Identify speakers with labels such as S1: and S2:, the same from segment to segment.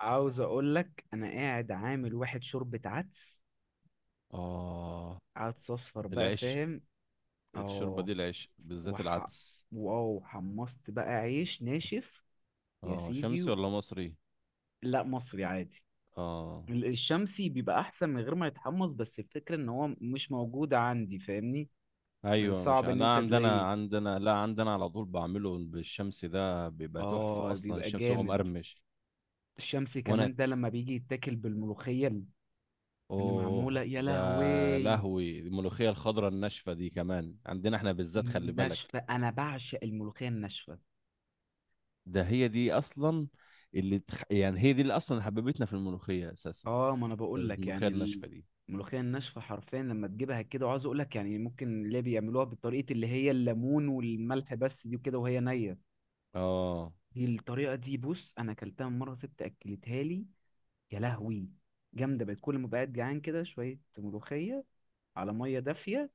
S1: عاوز اقول لك انا قاعد عامل واحد شوربة عدس.
S2: اه.
S1: عدس اصفر بقى،
S2: العيش
S1: فاهم؟
S2: الشوربة
S1: اه.
S2: دي العيش بالذات
S1: وح...
S2: العدس.
S1: واو حمصت بقى عيش ناشف. يا
S2: اه،
S1: سيدي
S2: شمسي ولا مصري؟
S1: لا، مصري عادي.
S2: اه،
S1: ال- الشمسي بيبقى احسن من غير ما يتحمص، بس الفكرة ان هو مش موجود عندي، فاهمني؟ بس
S2: ايوه، مش
S1: صعب ان
S2: لا،
S1: انت
S2: عندنا
S1: تلاقيه.
S2: عندنا لا، عندنا على طول بعمله بالشمسي، ده بيبقى تحفة
S1: اه،
S2: اصلا،
S1: بيبقى
S2: الشمس هو
S1: جامد.
S2: مقرمش.
S1: الشمسي
S2: وانا،
S1: كمان ده لما بيجي يتاكل بالملوخية اللي معمولة،
S2: اوه
S1: يا
S2: ده،
S1: لهوي.
S2: لهوي الملوخية الخضراء الناشفة دي، كمان عندنا احنا بالذات، خلي بالك.
S1: ناشفة، انا بعشق الملوخية الناشفة.
S2: ده هي دي اصلا، اللي يعني هي دي اللي اصلا حببتنا في الملوخية اساسا.
S1: اه، ما انا بقول لك
S2: الملوخية
S1: يعني.
S2: الناشفة دي.
S1: الملوخيه الناشفه حرفيا لما تجيبها كده، وعاوز اقول لك يعني ممكن اللي بيعملوها بالطريقه اللي هي الليمون والملح بس دي وكده وهي نيه.
S2: اه،
S1: دي الطريقه دي، بص، انا اكلتها من مره ست اكلتها لي. يا لهوي، جامده بقت. كل ما بقعد جعان كده شويه ملوخيه على ميه دافيه،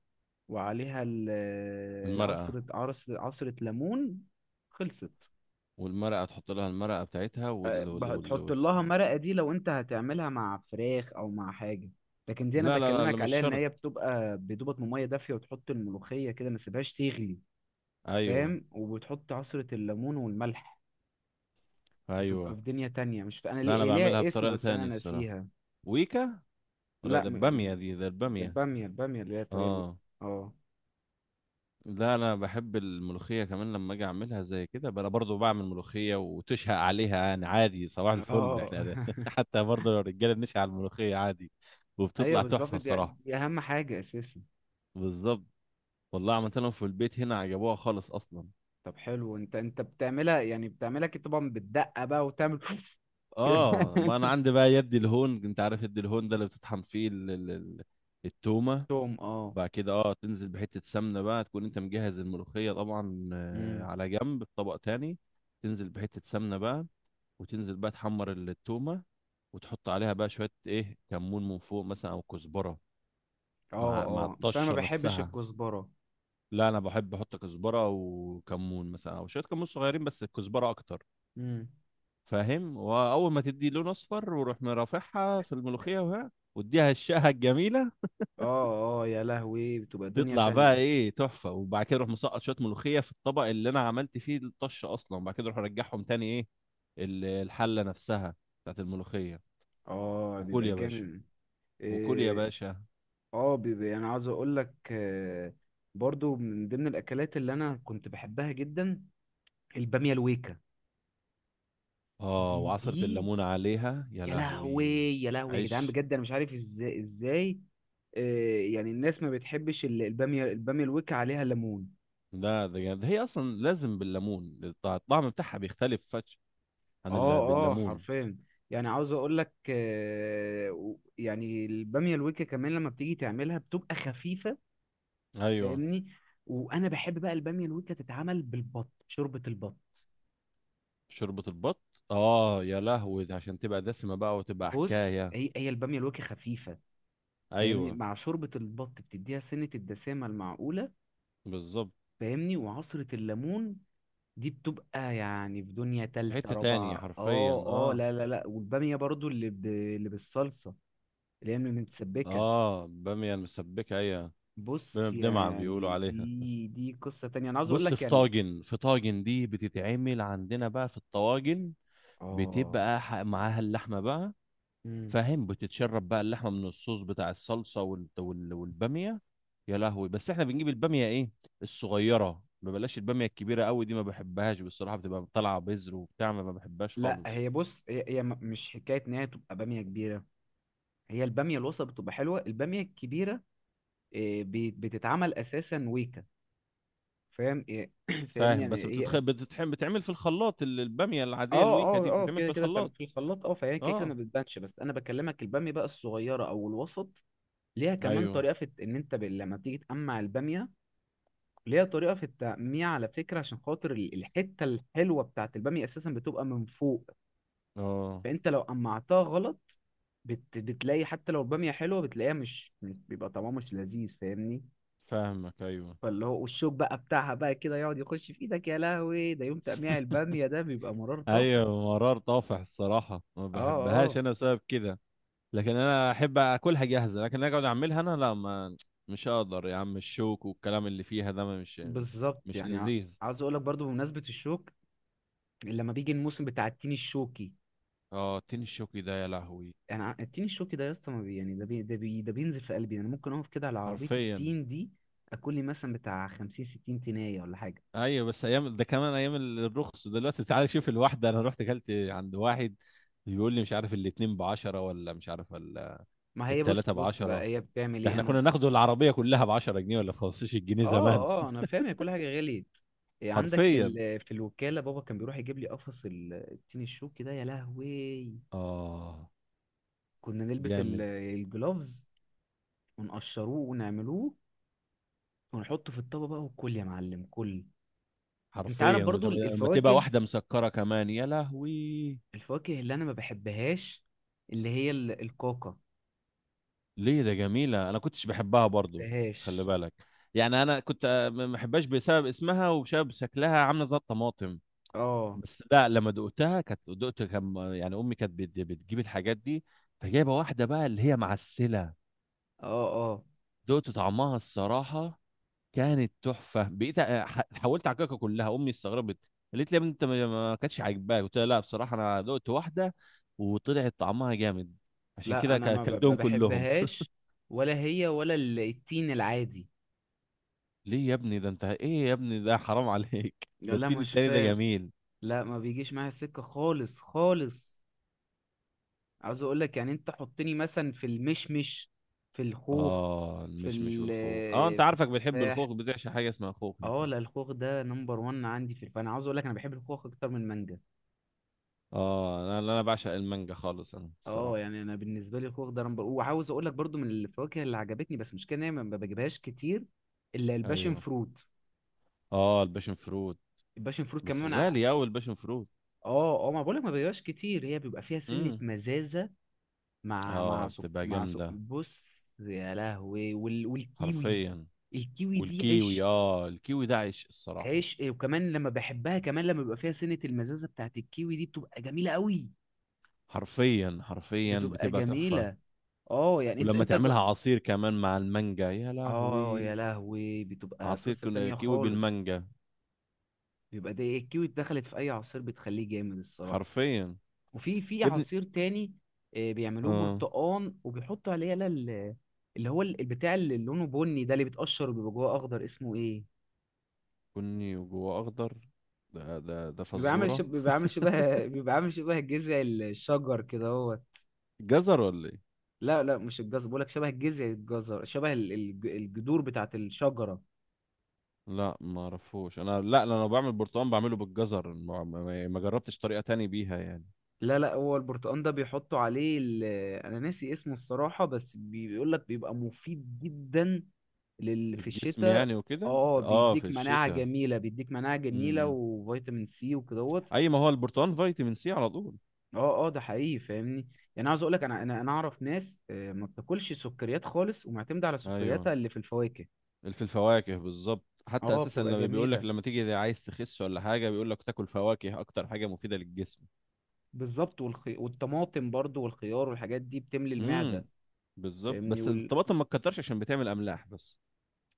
S1: وعليها
S2: المرقة.
S1: عصره ليمون. خلصت.
S2: والمرقة تحط لها المرقة بتاعتها
S1: تحط لها مرقة دي لو انت هتعملها مع فراخ او مع حاجة. لكن دي انا
S2: لا، لا، لا، لا،
S1: بكلمك
S2: مش
S1: عليها ان
S2: شرط.
S1: هي بتبقى بدوبة مية دافية وتحط الملوخية كده، ما تسيبهاش تغلي.
S2: ايوه،
S1: فاهم، وبتحط عصرة الليمون والملح. بتبقى
S2: ايوه.
S1: في دنيا تانية، مش انا
S2: لا، انا
S1: ليه
S2: بعملها
S1: ليها اسم
S2: بطريقة
S1: بس انا
S2: تاني الصراحة.
S1: ناسيها.
S2: ويكا، ولا
S1: لا
S2: ده
S1: م...
S2: البامية؟
S1: م-
S2: دي، ده
S1: ده
S2: البامية.
S1: البامية. البامية اللي هي الطريقة
S2: اه،
S1: اه.
S2: لا، انا بحب الملوخية كمان لما اجي اعملها زي كده بقى، انا برضو بعمل ملوخية وتشهق عليها، يعني عادي، صباح الفل
S1: اه.
S2: احنا ده حتى برضو لو الرجالة بنشهق على الملوخية عادي.
S1: ايوه
S2: وبتطلع
S1: بالظبط،
S2: تحفة
S1: دي,
S2: الصراحة.
S1: دي اهم حاجة اساسا.
S2: بالظبط. والله عملت لهم في البيت هنا، عجبوها خالص اصلا.
S1: طب حلو، انت بتعملها يعني، بتعملها كده طبعا بالدقة بقى وتعمل كده.
S2: اه، ما انا عندي بقى يد الهون، انت عارف يد الهون ده اللي بتطحن فيه التومه.
S1: توم، اه.
S2: بعد كده تنزل بحته سمنه بقى، تكون انت مجهز الملوخيه طبعا،
S1: امم
S2: على جنب في طبق تاني. تنزل بحته سمنه بقى، وتنزل بقى تحمر التومه، وتحط عليها بقى شويه ايه كمون من فوق مثلا او كزبره،
S1: اه
S2: مع
S1: اه، بس انا ما
S2: الطشه
S1: بحبش
S2: نفسها.
S1: الكزبرة.
S2: لا، انا بحب احط كزبره وكمون مثلا، او شويه كمون صغيرين، بس الكزبره اكتر.
S1: امم
S2: فاهم، واول ما تدي لون اصفر، وروح مرافعها في الملوخيه وها، واديها الشقه الجميله،
S1: اه اه يا لهوي، بتبقى دنيا
S2: تطلع بقى
S1: تانية.
S2: ايه تحفه. وبعد كده اروح مسقط شويه ملوخيه في الطبق اللي انا عملت فيه الطش اصلا، وبعد كده اروح ارجعهم تاني ايه الحله نفسها بتاعت الملوخيه.
S1: اه،
S2: وكل
S1: بيبقى
S2: يا باشا.
S1: جامد.
S2: وكل يا
S1: إيه،
S2: باشا.
S1: اه بيبقى. انا عاوز اقول لك، برضو من ضمن الاكلات اللي انا كنت بحبها جدا البامية الويكا.
S2: اه،
S1: دي
S2: وعصره
S1: دي
S2: الليمون عليها، يا
S1: يا لهوي.
S2: لهوي.
S1: يا لهوي يا جدعان،
S2: عيش.
S1: بجد انا مش عارف ازاي. يعني الناس ما بتحبش البامية. البامية الويكا عليها ليمون.
S2: لا، ده جامد، هي اصلا لازم بالليمون، الطعم بتاعها بيختلف، فش عن اللي
S1: اه اه
S2: بالليمون.
S1: حرفيا. يعني عاوز اقول لك يعني الباميه الويكا كمان لما بتيجي تعملها بتبقى خفيفه،
S2: ايوه.
S1: فاهمني؟ وانا بحب بقى الباميه الويكا تتعمل بالبط، شوربه البط.
S2: شوربة البط. اه، يا لهوي، ده عشان تبقى دسمة بقى وتبقى
S1: بص،
S2: حكاية.
S1: هي الباميه الويكا خفيفه، فاهمني؟
S2: ايوه،
S1: مع شوربه البط بتديها سنه الدسامه المعقوله،
S2: بالظبط.
S1: فاهمني؟ وعصره الليمون دي بتبقى يعني في دنيا
S2: في
S1: تالتة
S2: حتة تانية
S1: رابعة.
S2: حرفيا.
S1: اه اه،
S2: اه،
S1: لا لا لا. والبامية برضو اللي بالصلصة، اللي هي متسبكة.
S2: اه، بامية المسبكة، ايوه. بامية
S1: بص
S2: بدمعة بيقولوا
S1: يعني
S2: عليها.
S1: دي قصة تانية، انا عاوز اقول
S2: بص،
S1: لك
S2: في
S1: يعني.
S2: طاجن في طاجن دي بتتعمل عندنا بقى في الطواجن،
S1: اه.
S2: بتبقى معاها اللحمة بقى.
S1: مم.
S2: فاهم، بتتشرب بقى اللحمه من الصوص بتاع الصلصه والباميه. يا لهوي، بس احنا بنجيب الباميه ايه، الصغيره، ما بلاش الباميه الكبيره قوي دي، ما بحبهاش بصراحه، بتبقى طالعه بذر وبتاع، ما بحبهاش
S1: لا،
S2: خالص.
S1: هي بص، هي مش حكاية ان هي تبقى بامية كبيرة. هي البامية الوسط بتبقى حلوة. البامية الكبيرة، إيه، بتتعمل اساسا ويكا، فاهم؟ إيه، فاهمني؟
S2: فاهم،
S1: يعني
S2: بس بتتخ...
S1: هي.
S2: بتتحم بتتعمل في الخلاط، الباميه العاديه
S1: اه
S2: الويكه دي
S1: اه اه،
S2: بتتعمل
S1: كده
S2: في
S1: كده بتعمل
S2: الخلاط.
S1: في الخلاط، اه. فهي كده ما
S2: اه،
S1: بتبانش. بس انا بكلمك البامية بقى الصغيرة او الوسط، ليها كمان
S2: ايوه،
S1: طريقة في ان انت لما تيجي تقمع البامية، ليها طريقة في التقميع على فكرة. عشان خاطر الحتة الحلوة بتاعت البامية أساسا بتبقى من فوق.
S2: اه،
S1: فأنت لو قمعتها غلط، بتلاقي حتى لو البامية حلوة بتلاقيها بيبقى طعمها مش لذيذ، فاهمني؟
S2: فاهمك، ايوه،
S1: فاللي هو والشوك بقى بتاعها بقى كده يقعد يخش في ايدك. يا لهوي، ده يوم تقميع البامية ده بيبقى مرار طافح.
S2: ايوه، مرار طافح الصراحه، ما
S1: اه
S2: بحبهاش
S1: اه
S2: انا بسبب كده. لكن انا احب اكلها جاهزه، لكن اقعد اعملها انا لا، ما مش هقدر يا عم، الشوك والكلام اللي فيها ده مش
S1: بالظبط.
S2: مش لذيذ.
S1: عاوز اقول لك برضو بمناسبة الشوك، لما بيجي الموسم بتاع التين الشوكي.
S2: اه، التين الشوكي ده يا لهوي.
S1: التين الشوكي ده يا اسطى، ما بي- يعني ده بينزل في قلبي. انا ممكن اقف كده على عربيه
S2: حرفيا.
S1: التين دي اكل لي مثلا بتاع 50 60 تينيه ولا حاجه.
S2: ايوه بس ايام، ده كمان ايام الرخص دلوقتي، تعالى شوف، الواحده انا رحت اكلت عند واحد، بيقول لي مش عارف الاتنين ب10، ولا مش عارف
S1: ما هي بص،
S2: التلاتة
S1: بص بقى،
S2: بعشرة
S1: هي بتعمل
S2: ده
S1: ايه
S2: احنا
S1: انا.
S2: كنا ناخده العربية كلها ب10 جنيه، ولا ب15 جنيه زمان.
S1: اه اه انا فاهم، هي كل حاجه غليت. إيه،
S2: حرفيا.
S1: في الوكاله بابا كان بيروح يجيب لي قفص التين الشوكي ده، يا لهوي.
S2: اه،
S1: كنا نلبس
S2: جامد.
S1: الجلوفز ونقشروه ونعملوه ونحطه في الطبق بقى، وكل يا معلم كل. انت عارف
S2: حرفيا،
S1: برضو
S2: ولما تبقى
S1: الفواكه.
S2: واحدة مسكرة كمان، يا لهوي.
S1: الفواكه اللي انا ما بحبهاش، اللي هي الكاكا.
S2: ليه؟ ده جميلة، أنا كنتش بحبها برضو، خلي
S1: بحبهاش.
S2: بالك. يعني أنا كنت، ما بحبهاش بسبب اسمها وبسبب شكلها، عاملة زي الطماطم.
S1: اه
S2: بس لا، لما دقتها كانت، دقت كان، يعني أمي كانت بتجيب الحاجات دي، فجايبة واحدة بقى اللي هي معسلة،
S1: اه اه،
S2: دقت طعمها الصراحة، كانت تحفه. بقيت حاولت اعككها كلها، امي استغربت، قالت لي يا ابني انت ما كانتش عاجباك، قلت لها لا بصراحه انا دقت واحده وطلعت طعمها جامد، عشان
S1: لا
S2: كده
S1: انا ما
S2: كلتهم كلهم
S1: بحبهاش. ولا هي ولا التين العادي.
S2: ليه يا ابني ده؟ انت ايه يا ابني ده، حرام عليك ده
S1: لا
S2: التين
S1: مش
S2: التاني ده
S1: فاهم.
S2: جميل.
S1: لا، ما بيجيش معايا سكة خالص خالص. عاوز اقول لك يعني انت حطني مثلا في المشمش، في الخوخ،
S2: اه،
S1: في
S2: المشمش
S1: ال
S2: والخوخ، اه انت
S1: في
S2: عارفك بتحب
S1: التفاح.
S2: الخوخ، بتعشى حاجه اسمها خوخ
S1: اه
S2: انت.
S1: لا، الخوخ ده نمبر وان عندي. في، فانا عاوز اقول لك انا بحب الخوخ اكتر من المانجا.
S2: اه، انا بعشق المانجا خالص، انا
S1: اه،
S2: الصراحه.
S1: يعني انا بالنسبه لي الخوخ ده نمبر وعاوز اقول لك برضو من الفواكه اللي عجبتني بس مش كده ان هي ما بجيبهاش كتير، الا الباشن
S2: ايوه.
S1: فروت.
S2: اه، الباشن فروت.
S1: الباشا المفروض
S2: بس
S1: كمان
S2: غالي اوي الباشن فروت.
S1: اه اه، ما بقولك ما بيبقاش كتير. هي بيبقى فيها سنة
S2: امم.
S1: مزازة.
S2: اه، بتبقى جامده.
S1: بص يا لهوي، والكيوي.
S2: حرفيا.
S1: الكيوي دي
S2: والكيوي،
S1: عيش.
S2: اه الكيوي ده عيش الصراحة.
S1: عيش، إيه، وكمان لما بحبها، كمان لما بيبقى فيها سنة المزازة بتاعت الكيوي دي بتبقى جميلة قوي.
S2: حرفيا، حرفيا،
S1: بتبقى
S2: بتبقى تحفة.
S1: جميلة. اه يعني
S2: ولما تعملها عصير كمان مع المانجا، يا
S1: اه يا
S2: لهوي.
S1: لهوي، بتبقى
S2: عصير
S1: قصة تانية
S2: كيوي
S1: خالص.
S2: بالمانجا.
S1: بيبقى ده الكيوي اتدخلت في اي عصير بتخليه جامد الصراحة.
S2: حرفيا.
S1: وفي
S2: يا ابني،
S1: عصير تاني بيعملوه
S2: اه،
S1: برتقان وبيحطوا عليه يلا اللي هو البتاع، اللي لونه بني ده اللي بيتقشر وبيبقى جواه اخضر، اسمه ايه؟
S2: بني وجوه اخضر، ده
S1: بيبقى عامل شب...
S2: فزورة.
S1: بيبقى عامل شبه بيبقى عامل شبه جذع الشجر كده هو.
S2: جزر ولا ايه؟
S1: لا لا، مش الجزر، بقولك شبه جذع الجزر، شبه الجذور بتاعت الشجرة.
S2: لا، ما اعرفوش انا. لا، انا بعمل برتقال بعمله بالجزر، ما جربتش طريقة تاني بيها يعني.
S1: لا لا، هو البرتقال ده بيحطوا عليه انا ناسي اسمه الصراحة. بس بيقول لك بيبقى مفيد جدا في
S2: للجسم
S1: الشتاء.
S2: يعني وكده،
S1: اه،
S2: في
S1: بيديك مناعة
S2: الشتاء.
S1: جميلة، بيديك مناعة جميلة
S2: امم.
S1: وفيتامين سي وكدهوت.
S2: اي ما هو البرتقال فيتامين سي على طول.
S1: اه اه ده حقيقي، فاهمني؟ يعني عاوز اقول لك انا انا اعرف ناس ما بتاكلش سكريات خالص ومعتمدة على
S2: ايوه،
S1: سكرياتها اللي في الفواكه.
S2: في الفواكه بالظبط، حتى
S1: اه
S2: اساسا
S1: بتبقى
S2: لما بيقول لك
S1: جميلة.
S2: لما تيجي عايز تخس ولا حاجه، بيقول لك تاكل فواكه، اكتر حاجه مفيده للجسم.
S1: بالظبط، والطماطم برضو والخيار والحاجات دي بتملي
S2: امم.
S1: المعدة،
S2: بالظبط،
S1: فاهمني؟
S2: بس الطماطم ما تكترش عشان بتعمل املاح بس.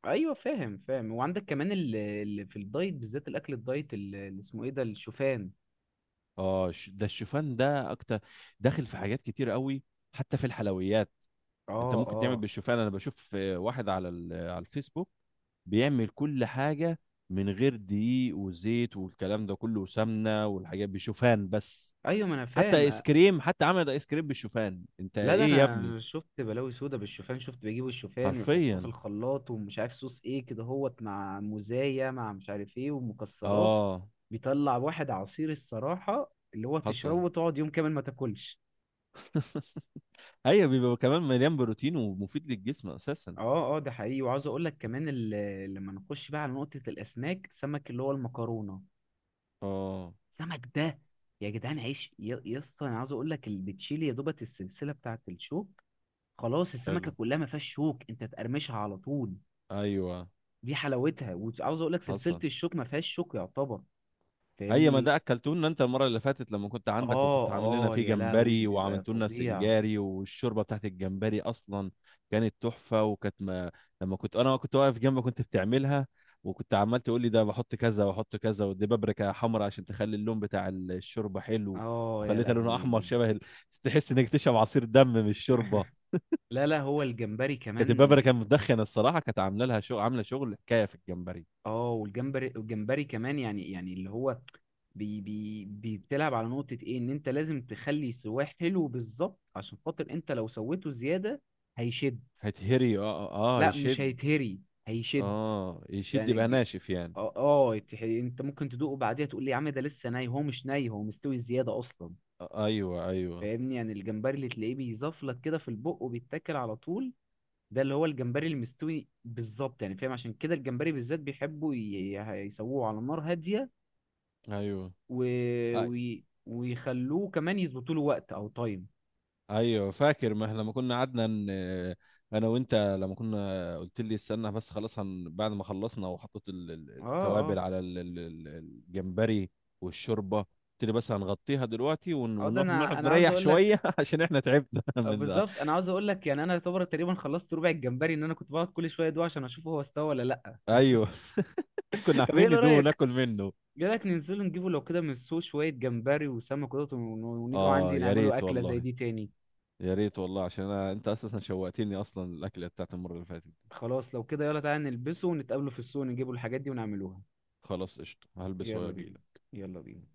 S1: ايوه فاهم فاهم. وعندك كمان اللي في الدايت، بالذات الاكل الدايت اللي اسمه ايه ده، الشوفان.
S2: اه، ده الشوفان ده اكتر داخل في حاجات كتير قوي، حتى في الحلويات. انت
S1: اه
S2: ممكن تعمل
S1: اه.
S2: بالشوفان، انا بشوف، واحد على على الفيسبوك بيعمل كل حاجه من غير دقيق وزيت والكلام ده كله وسمنه والحاجات، بشوفان بس.
S1: ايوه، ما انا
S2: حتى
S1: فاهم.
S2: ايس كريم، حتى عمل ايس كريم بالشوفان، انت
S1: لا، ده
S2: ايه يا ابني؟
S1: انا شفت بلاوي سودا بالشوفان. شفت بيجيبوا الشوفان ويحطوه في
S2: حرفيا.
S1: الخلاط ومش عارف صوص ايه كده هوت، مع موزاية، مع مش عارف ايه، ومكسرات.
S2: اه،
S1: بيطلع واحد عصير الصراحة اللي هو تشربه
S2: حصل
S1: وتقعد يوم كامل ما تاكلش.
S2: ايوه، بيبقى كمان مليان بروتين ومفيد للجسم اساسا.
S1: اه اه ده حقيقي. وعاوز اقول لك كمان لما نخش بقى على نقطة الاسماك، سمك اللي هو المكرونة.
S2: اه،
S1: السمك ده يا جدعان عيش، يا اسطى، انا عاوز اقول لك اللي بتشيل يا دوبت السلسله بتاعه الشوك، خلاص، السمكه
S2: حلو.
S1: كلها ما فيهاش شوك، انت تقرمشها على طول.
S2: ايوه،
S1: دي حلاوتها. وعاوز اقول لك سلسله
S2: حصل.
S1: الشوك ما فيهاش شوك يعتبر،
S2: اي ما
S1: فاهمني؟
S2: ده اكلتونا انت المره اللي فاتت لما كنت عندك، وكنت
S1: اه
S2: عامل لنا
S1: اه
S2: فيه
S1: يا لهوي،
S2: جمبري،
S1: بيبقى
S2: وعملت لنا
S1: فظيع.
S2: سنجاري، والشوربه بتاعت الجمبري اصلا كانت تحفه. وكانت ما... لما كنت انا كنت واقف جنبك كنت بتعملها، وكنت عمال تقول لي ده بحط كذا واحط كذا، ودي بابريكا حمراء عشان تخلي اللون بتاع الشوربه حلو،
S1: اه يا
S2: وخليتها لونها
S1: لهوي.
S2: احمر شبه تحس انك تشرب عصير دم من الشوربه.
S1: لا لا، هو الجمبري
S2: كانت
S1: كمان.
S2: البابريكا مدخنه الصراحه، كانت عامله لها شغل، عامله شغل حكايه في الجمبري.
S1: اه والجمبري، والجمبري كمان يعني اللي هو بتلعب على نقطة ايه، ان انت لازم تخلي سواه حلو بالظبط عشان خاطر انت لو سويته زيادة هيشد.
S2: هتهري،
S1: لا مش
S2: يشد.
S1: هيتهري، هيشد.
S2: اه، يشد
S1: يعني
S2: يبقى ناشف يعني.
S1: اه، انت ممكن تدوقه بعديها تقول لي يا عم ده لسه ني، هو مش ني، هو مستوي زيادة اصلا،
S2: ايوه، ايوه،
S1: فاهمني؟ يعني الجمبري اللي تلاقيه بيزفلك كده في البق وبيتاكل على طول، ده اللي هو الجمبري المستوي بالظبط، يعني فاهم؟ عشان كده الجمبري بالذات بيحبوا يسووه على نار هادية
S2: ايوه،
S1: و...
S2: أي-
S1: ويخلوه كمان يظبطوا له وقت او تايم.
S2: ايوه، فاكر، ما احنا لما كنا قعدنا ان انا وانت لما كنا، قلت لي استنى بس خلاص بعد ما خلصنا، وحطيت
S1: اه اه
S2: التوابل على الجمبري والشوربه، قلت لي بس هنغطيها دلوقتي ون-
S1: اه، ده
S2: ونروح
S1: انا،
S2: نقعد
S1: عاوز
S2: نريح
S1: اقول لك
S2: شويه عشان احنا تعبنا من ده.
S1: بالظبط. انا عاوز اقول لك يعني انا يعتبر تقريبا خلصت ربع الجمبري، ان انا كنت بقعد كل شويه ادوق عشان اشوف هو استوى ولا لا.
S2: ايوه كنا
S1: طب ايه
S2: عاملين
S1: اللي
S2: ندوه
S1: رايك،
S2: وناكل منه.
S1: ايه رايك ننزل نجيبه لو كده من السوق شويه جمبري وسمك كده، ونيجوا
S2: اه،
S1: عندي
S2: يا
S1: نعمله
S2: ريت
S1: اكله زي
S2: والله.
S1: دي تاني.
S2: يا ريت والله، عشان انت اساسا شوقتني اصلا الاكله بتاعت المره اللي فاتت دي.
S1: خلاص لو كده، يلا تعالى نلبسه ونتقابلوا في السوق، نجيبوا الحاجات دي ونعملوها.
S2: خلاص، قشطه، هلبس
S1: يلا
S2: واجي.
S1: بينا. يلا بينا.